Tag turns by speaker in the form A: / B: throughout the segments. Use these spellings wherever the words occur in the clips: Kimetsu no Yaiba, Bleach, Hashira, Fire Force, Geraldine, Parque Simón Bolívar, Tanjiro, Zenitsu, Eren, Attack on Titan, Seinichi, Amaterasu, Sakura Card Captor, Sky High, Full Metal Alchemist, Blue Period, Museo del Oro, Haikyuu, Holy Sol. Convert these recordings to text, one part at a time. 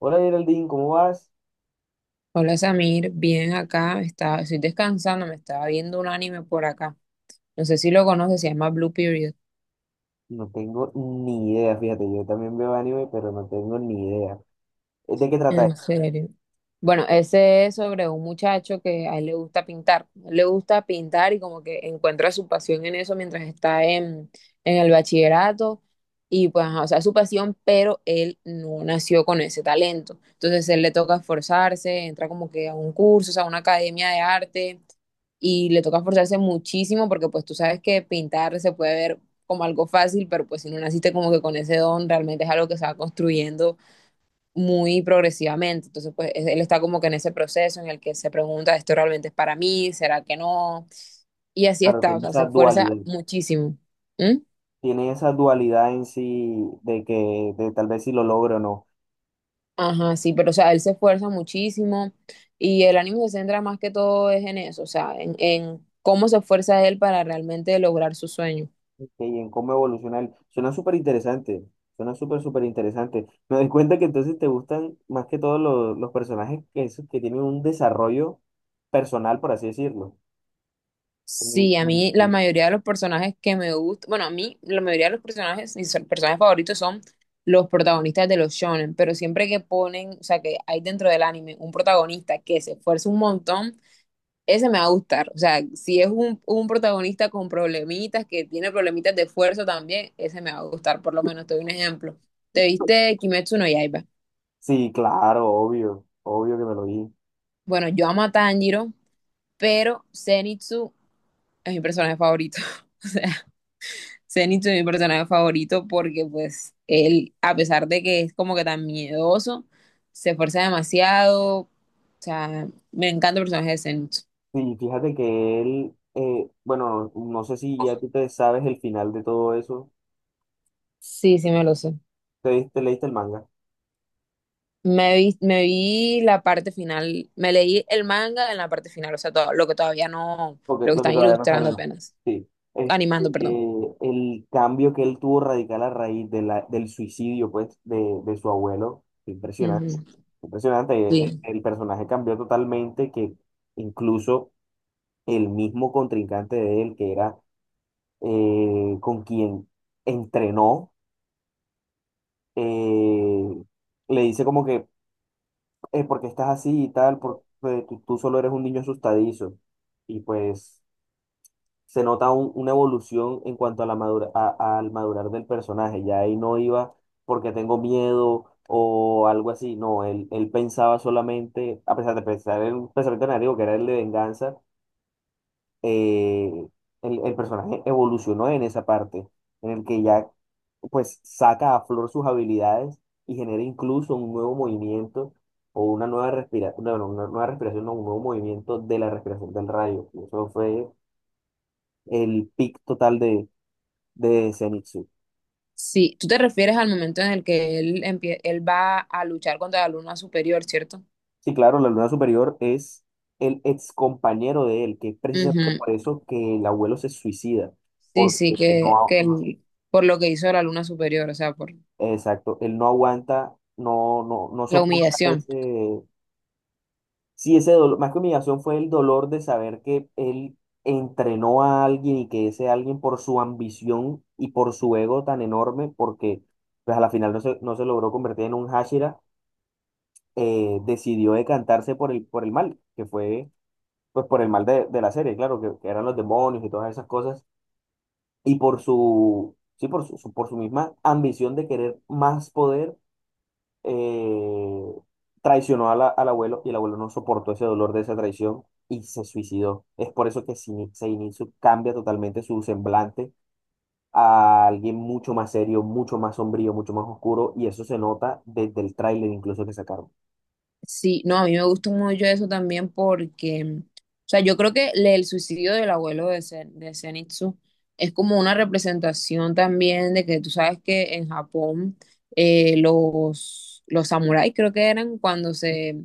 A: Hola Geraldine, ¿cómo vas?
B: Hola Samir, bien acá, estoy descansando, me estaba viendo un anime por acá. No sé si lo conoces, se llama Blue Period.
A: No tengo ni idea, fíjate, yo también veo anime, pero no tengo ni idea. ¿Es ¿De qué trata
B: En
A: esto?
B: serio. Bueno, ese es sobre un muchacho que a él le gusta pintar. A él le gusta pintar y como que encuentra su pasión en eso mientras está en el bachillerato. Y pues, ajá, o sea, su pasión, pero él no nació con ese talento. Entonces, él le toca esforzarse, entra como que a un curso, o sea, a una academia de arte y le toca esforzarse muchísimo porque pues tú sabes que pintar se puede ver como algo fácil, pero pues si no naciste como que con ese don, realmente es algo que se va construyendo muy progresivamente. Entonces, pues él está como que en ese proceso en el que se pregunta, ¿esto realmente es para mí? ¿Será que no? Y así
A: Claro,
B: está, o sea, se esfuerza muchísimo. ¿Mm?
A: tiene esa dualidad en sí de que de tal vez si lo logro o no,
B: Ajá, sí, pero o sea, él se esfuerza muchísimo y el ánimo se centra más que todo es en eso, o sea, en cómo se esfuerza él para realmente lograr su sueño.
A: que y en cómo evoluciona él. Suena súper interesante, suena súper, súper interesante. Me doy cuenta que entonces te gustan más que todos los personajes esos que tienen un desarrollo personal, por así decirlo. Y-
B: Sí, a mí la
A: y-
B: mayoría de los personajes que me gustan, bueno, a mí la mayoría de los personajes, mis personajes favoritos son los protagonistas de los shonen, pero siempre que ponen, o sea, que hay dentro del anime un protagonista que se esfuerza un montón, ese me va a gustar. O sea, si es un protagonista con problemitas, que tiene problemitas de esfuerzo también, ese me va a gustar, por lo menos te doy un ejemplo. ¿Te viste Kimetsu no Yaiba?
A: Sí, claro, obvio, obvio que me lo dije.
B: Bueno, yo amo a Tanjiro, pero Zenitsu es mi personaje favorito. O sea, Zenitsu es mi personaje favorito porque pues él, a pesar de que es como que tan miedoso, se esfuerza demasiado. O sea, me encanta el personaje de Zenitsu.
A: Sí, fíjate que él, bueno, no sé si ya tú te sabes el final de todo eso.
B: Sí, sí, me lo sé.
A: ¿ Te leíste el manga?
B: Me vi la parte final, me leí el manga en la parte final, o sea, todo, lo que todavía no,
A: Porque
B: lo que
A: lo que
B: están
A: todavía no se
B: ilustrando
A: anima.
B: apenas,
A: Sí. Este,
B: animando, perdón.
A: el cambio que él tuvo radical a raíz de del suicidio, pues, de su abuelo, fue impresionante.
B: Ujú.
A: Impresionante.
B: Sí.
A: El personaje cambió totalmente, que incluso el mismo contrincante de él, que era con quien entrenó, eh, le dice como que porque estás así y tal, porque tú solo eres un niño asustadizo. Y pues se nota una evolución en cuanto a al madurar del personaje. Ya ahí no iba porque tengo miedo o algo así. No, él pensaba solamente, a pesar de pensar en un pensamiento negativo que era el de venganza, eh, el personaje evolucionó en esa parte, en el que ya pues saca a flor sus habilidades y genera incluso un nuevo movimiento o una nueva respiración, no, no, una nueva respiración, no, un nuevo movimiento de la respiración del rayo. Y eso fue el pic total de Zenitsu.
B: Sí, tú te refieres al momento en el que él, él va a luchar contra la luna superior, ¿cierto?
A: Sí, claro, la luna superior es el ex compañero de él, que es precisamente
B: Ujú.
A: por eso que el abuelo se suicida,
B: Sí, sí,
A: porque no,
B: por lo que hizo la luna superior, o sea, por
A: exacto, él no aguanta, no
B: la
A: soporta
B: humillación.
A: ese, sí, ese dolor, más que humillación fue el dolor de saber que él entrenó a alguien y que ese alguien por su ambición y por su ego tan enorme, porque pues a la final no se logró convertir en un Hashira, decidió decantarse por por el mal, que fue pues por el mal de la serie, claro, que eran los demonios y todas esas cosas, y por su, sí, por su, su- por su misma ambición de querer más poder, eh, traicionó al abuelo y el abuelo no soportó ese dolor de esa traición y se suicidó. Es por eso que Seinichi cambia totalmente su semblante a alguien mucho más serio, mucho más sombrío, mucho más oscuro y eso se nota desde el tráiler incluso que sacaron.
B: Sí, no, a mí me gusta mucho eso también porque, o sea, yo creo que el suicidio del abuelo de Zenitsu es como una representación también de que tú sabes que en Japón los samuráis creo que eran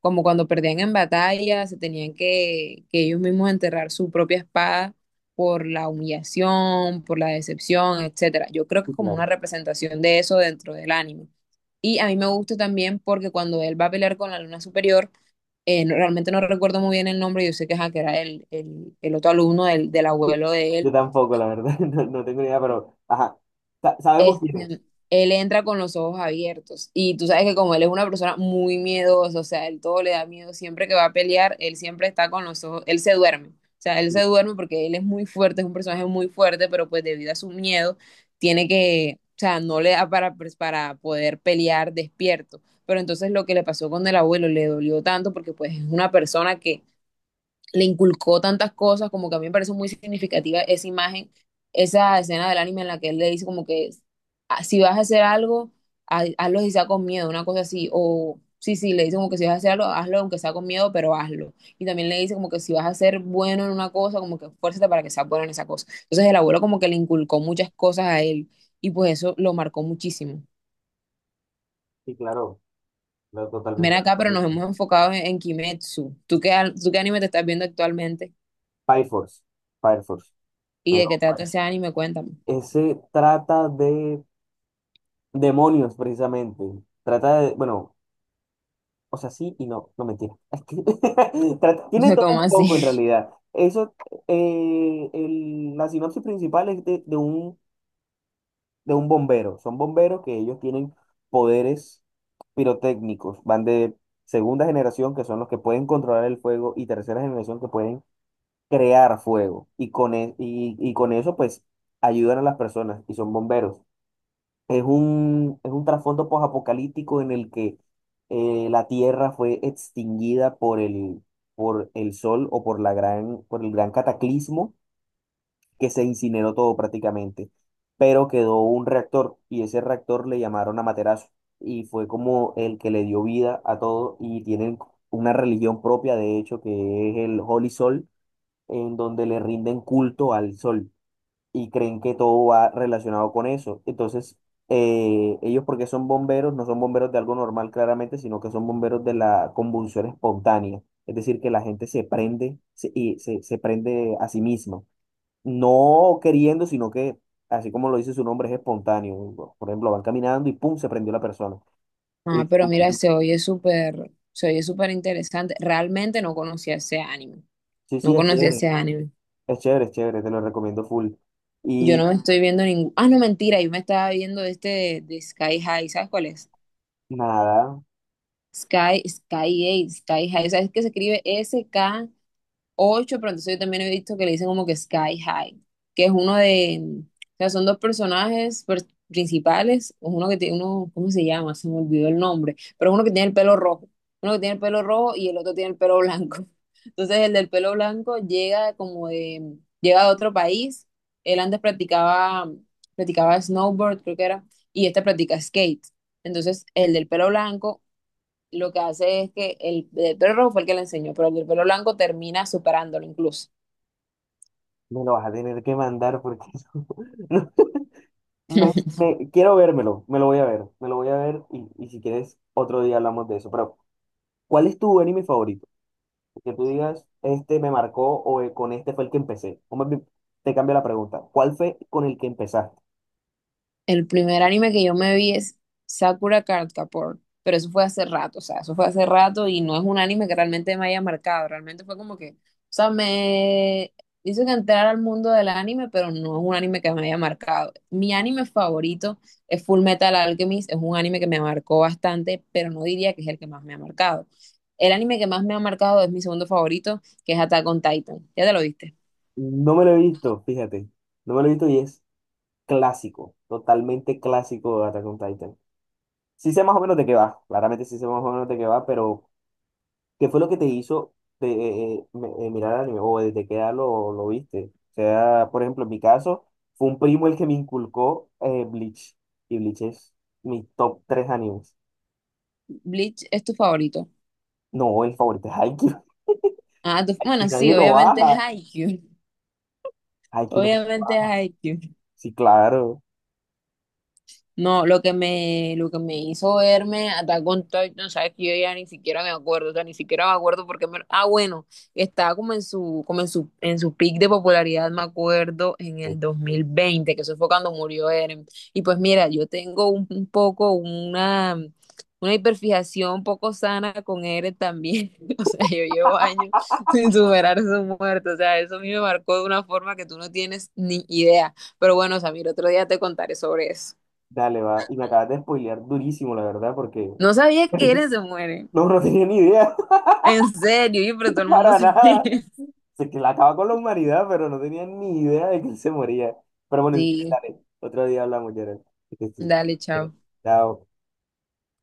B: como cuando perdían en batalla, se tenían que ellos mismos enterrar su propia espada por la humillación, por la decepción, etcétera. Yo creo que
A: Sí,
B: es como una
A: claro.
B: representación de eso dentro del anime. Y a mí me gusta también porque cuando él va a pelear con la luna superior, realmente no recuerdo muy bien el nombre, yo sé que, ajá, que era el otro alumno del abuelo de él
A: Yo tampoco, la verdad, no, no tengo ni idea, pero ajá, sabemos quién es.
B: este, él entra con los ojos abiertos. Y tú sabes que como él es una persona muy miedosa, o sea, él todo le da miedo, siempre que va a pelear, él siempre está con los ojos, él se duerme. O sea, él se
A: Sí,
B: duerme porque él es muy fuerte, es un personaje muy fuerte, pero pues debido a su miedo, tiene que, o sea, no le da para, pues, para poder pelear despierto. Pero entonces lo que le pasó con el abuelo le dolió tanto porque pues es una persona que le inculcó tantas cosas, como que a mí me parece muy significativa esa imagen, esa escena del anime en la que él le dice como que "Ah, si vas a hacer algo, hazlo y sea con miedo, una cosa así, o sí, sí, le dice como que si vas a hacer algo, hazlo aunque sea con miedo, pero hazlo. Y también le dice como que si vas a ser bueno en una cosa, como que esfuérzate para que seas bueno en esa cosa. Entonces el abuelo como que le inculcó muchas cosas a él y pues eso lo marcó muchísimo.
A: sí, claro, claro,
B: Ven
A: totalmente de
B: acá, pero
A: acuerdo
B: nos
A: con-
B: hemos enfocado en Kimetsu. ¿Tú qué anime te estás viendo actualmente?
A: Fire Force, Fire Force.
B: ¿Y de
A: Pero,
B: qué trata
A: bueno,
B: ese anime? Cuéntame.
A: ese trata de demonios, precisamente. Trata de, bueno, o sea, sí y no, no mentira. Tiene
B: Fue
A: todo un
B: como así.
A: poco en realidad. Eso, la sinopsis principal es de un bombero. Son bomberos que ellos tienen poderes pirotécnicos. Van de segunda generación, que son los que pueden controlar el fuego, y tercera generación, que pueden crear fuego. Y y con eso, pues, ayudan a las personas y son bomberos. Es un trasfondo posapocalíptico en el que la Tierra fue extinguida por por el Sol o por por el gran cataclismo que se incineró todo prácticamente, pero quedó un reactor y ese reactor le llamaron Amaterasu y fue como el que le dio vida a todo y tienen una religión propia, de hecho, que es el Holy Sol, en donde le rinden culto al Sol y creen que todo va relacionado con eso. Entonces, ellos porque son bomberos, no son bomberos de algo normal claramente, sino que son bomberos de la convulsión espontánea. Es decir, que la gente se prende se- y se, se prende a sí misma. No queriendo, sino que, así como lo dice su nombre, es espontáneo. Por ejemplo, van caminando y ¡pum! Se prendió la persona.
B: Ah,
A: Y
B: pero mira, se oye súper interesante. Realmente no conocía ese anime.
A: sí,
B: No
A: sí, es
B: conocía
A: chévere.
B: ese anime.
A: Es chévere, es chévere, te lo recomiendo full.
B: Yo no
A: Y
B: me estoy viendo ningún. Ah, no, mentira, yo me estaba viendo este de, Sky High. ¿Sabes cuál es?
A: nada,
B: Sky, Sky High, Sky High. ¿Sabes que se escribe 8, pero entonces yo también he visto que le dicen como que Sky High, que es uno de, o sea, son dos personajes principales, uno que tiene uno, ¿cómo se llama? Se me olvidó el nombre, pero es uno que tiene el pelo rojo y el otro tiene el pelo blanco. Entonces el del pelo blanco llega de otro país, él antes practicaba snowboard, creo que era, y este practica skate. Entonces el del pelo blanco lo que hace es que el pelo rojo fue el que le enseñó, pero el del pelo blanco termina superándolo incluso.
A: me lo vas a tener que mandar porque no, quiero vérmelo, me lo voy a ver, me lo voy a ver y si quieres otro día hablamos de eso. Pero, ¿cuál es tu anime favorito? Que tú digas, este me marcó o con este fue el que empecé. O más bien, te cambio la pregunta, ¿cuál fue con el que empezaste?
B: El primer anime que yo me vi es Sakura Card Captor, pero eso fue hace rato, o sea, eso fue hace rato y no es un anime que realmente me haya marcado, realmente fue como que, o sea, me hizo que entrar al mundo del anime, pero no es un anime que me haya marcado. Mi anime favorito es Full Metal Alchemist, es un anime que me marcó bastante, pero no diría que es el que más me ha marcado. El anime que más me ha marcado es mi segundo favorito, que es Attack on Titan. Ya te lo viste.
A: No me lo he visto, fíjate, no me lo he visto y es clásico, totalmente clásico de Attack on Titan. Sí sé más o menos de qué va, claramente sí sé más o menos de qué va, pero ¿qué fue lo que te hizo mirar el anime o desde qué edad lo viste? O sea, por ejemplo, en mi caso, fue un primo el que me inculcó, Bleach. Y Bleach es mi top 3 animes.
B: Bleach es tu favorito.
A: No, el favorito es Haikyuu.
B: Ah,
A: Y
B: bueno, sí,
A: nadie lo
B: obviamente es
A: baja.
B: Haikyuu.
A: Haikyuu nadie lo
B: Obviamente
A: baja.
B: es IQ.
A: Sí, claro.
B: No, lo que me hizo verme Attack on Titan, sabes que yo ya ni siquiera me acuerdo, o sea, ni siquiera me acuerdo porque ah, bueno, estaba en su peak de popularidad, me acuerdo, en
A: Sí,
B: el 2020, que eso fue cuando murió Eren. Y pues mira, yo tengo un poco una hiperfijación poco sana con Eren también. O sea, yo llevo años sin superar su muerte. O sea, eso a mí me marcó de una forma que tú no tienes ni idea. Pero bueno, Samir, otro día te contaré sobre eso.
A: dale, va. Y me acabas de spoilear durísimo, la verdad, porque
B: No sabía que eres se muere.
A: no, no tenía ni idea.
B: En serio, pero todo el mundo
A: Para
B: se
A: nada.
B: muere.
A: Se que la acaba con la humanidad, pero no tenía ni idea de que él se moría. Pero bueno, si quieres,
B: Sí,
A: dale. Otro día hablamos, Gerald. Que estés
B: dale,
A: bien.
B: chao.
A: Chao.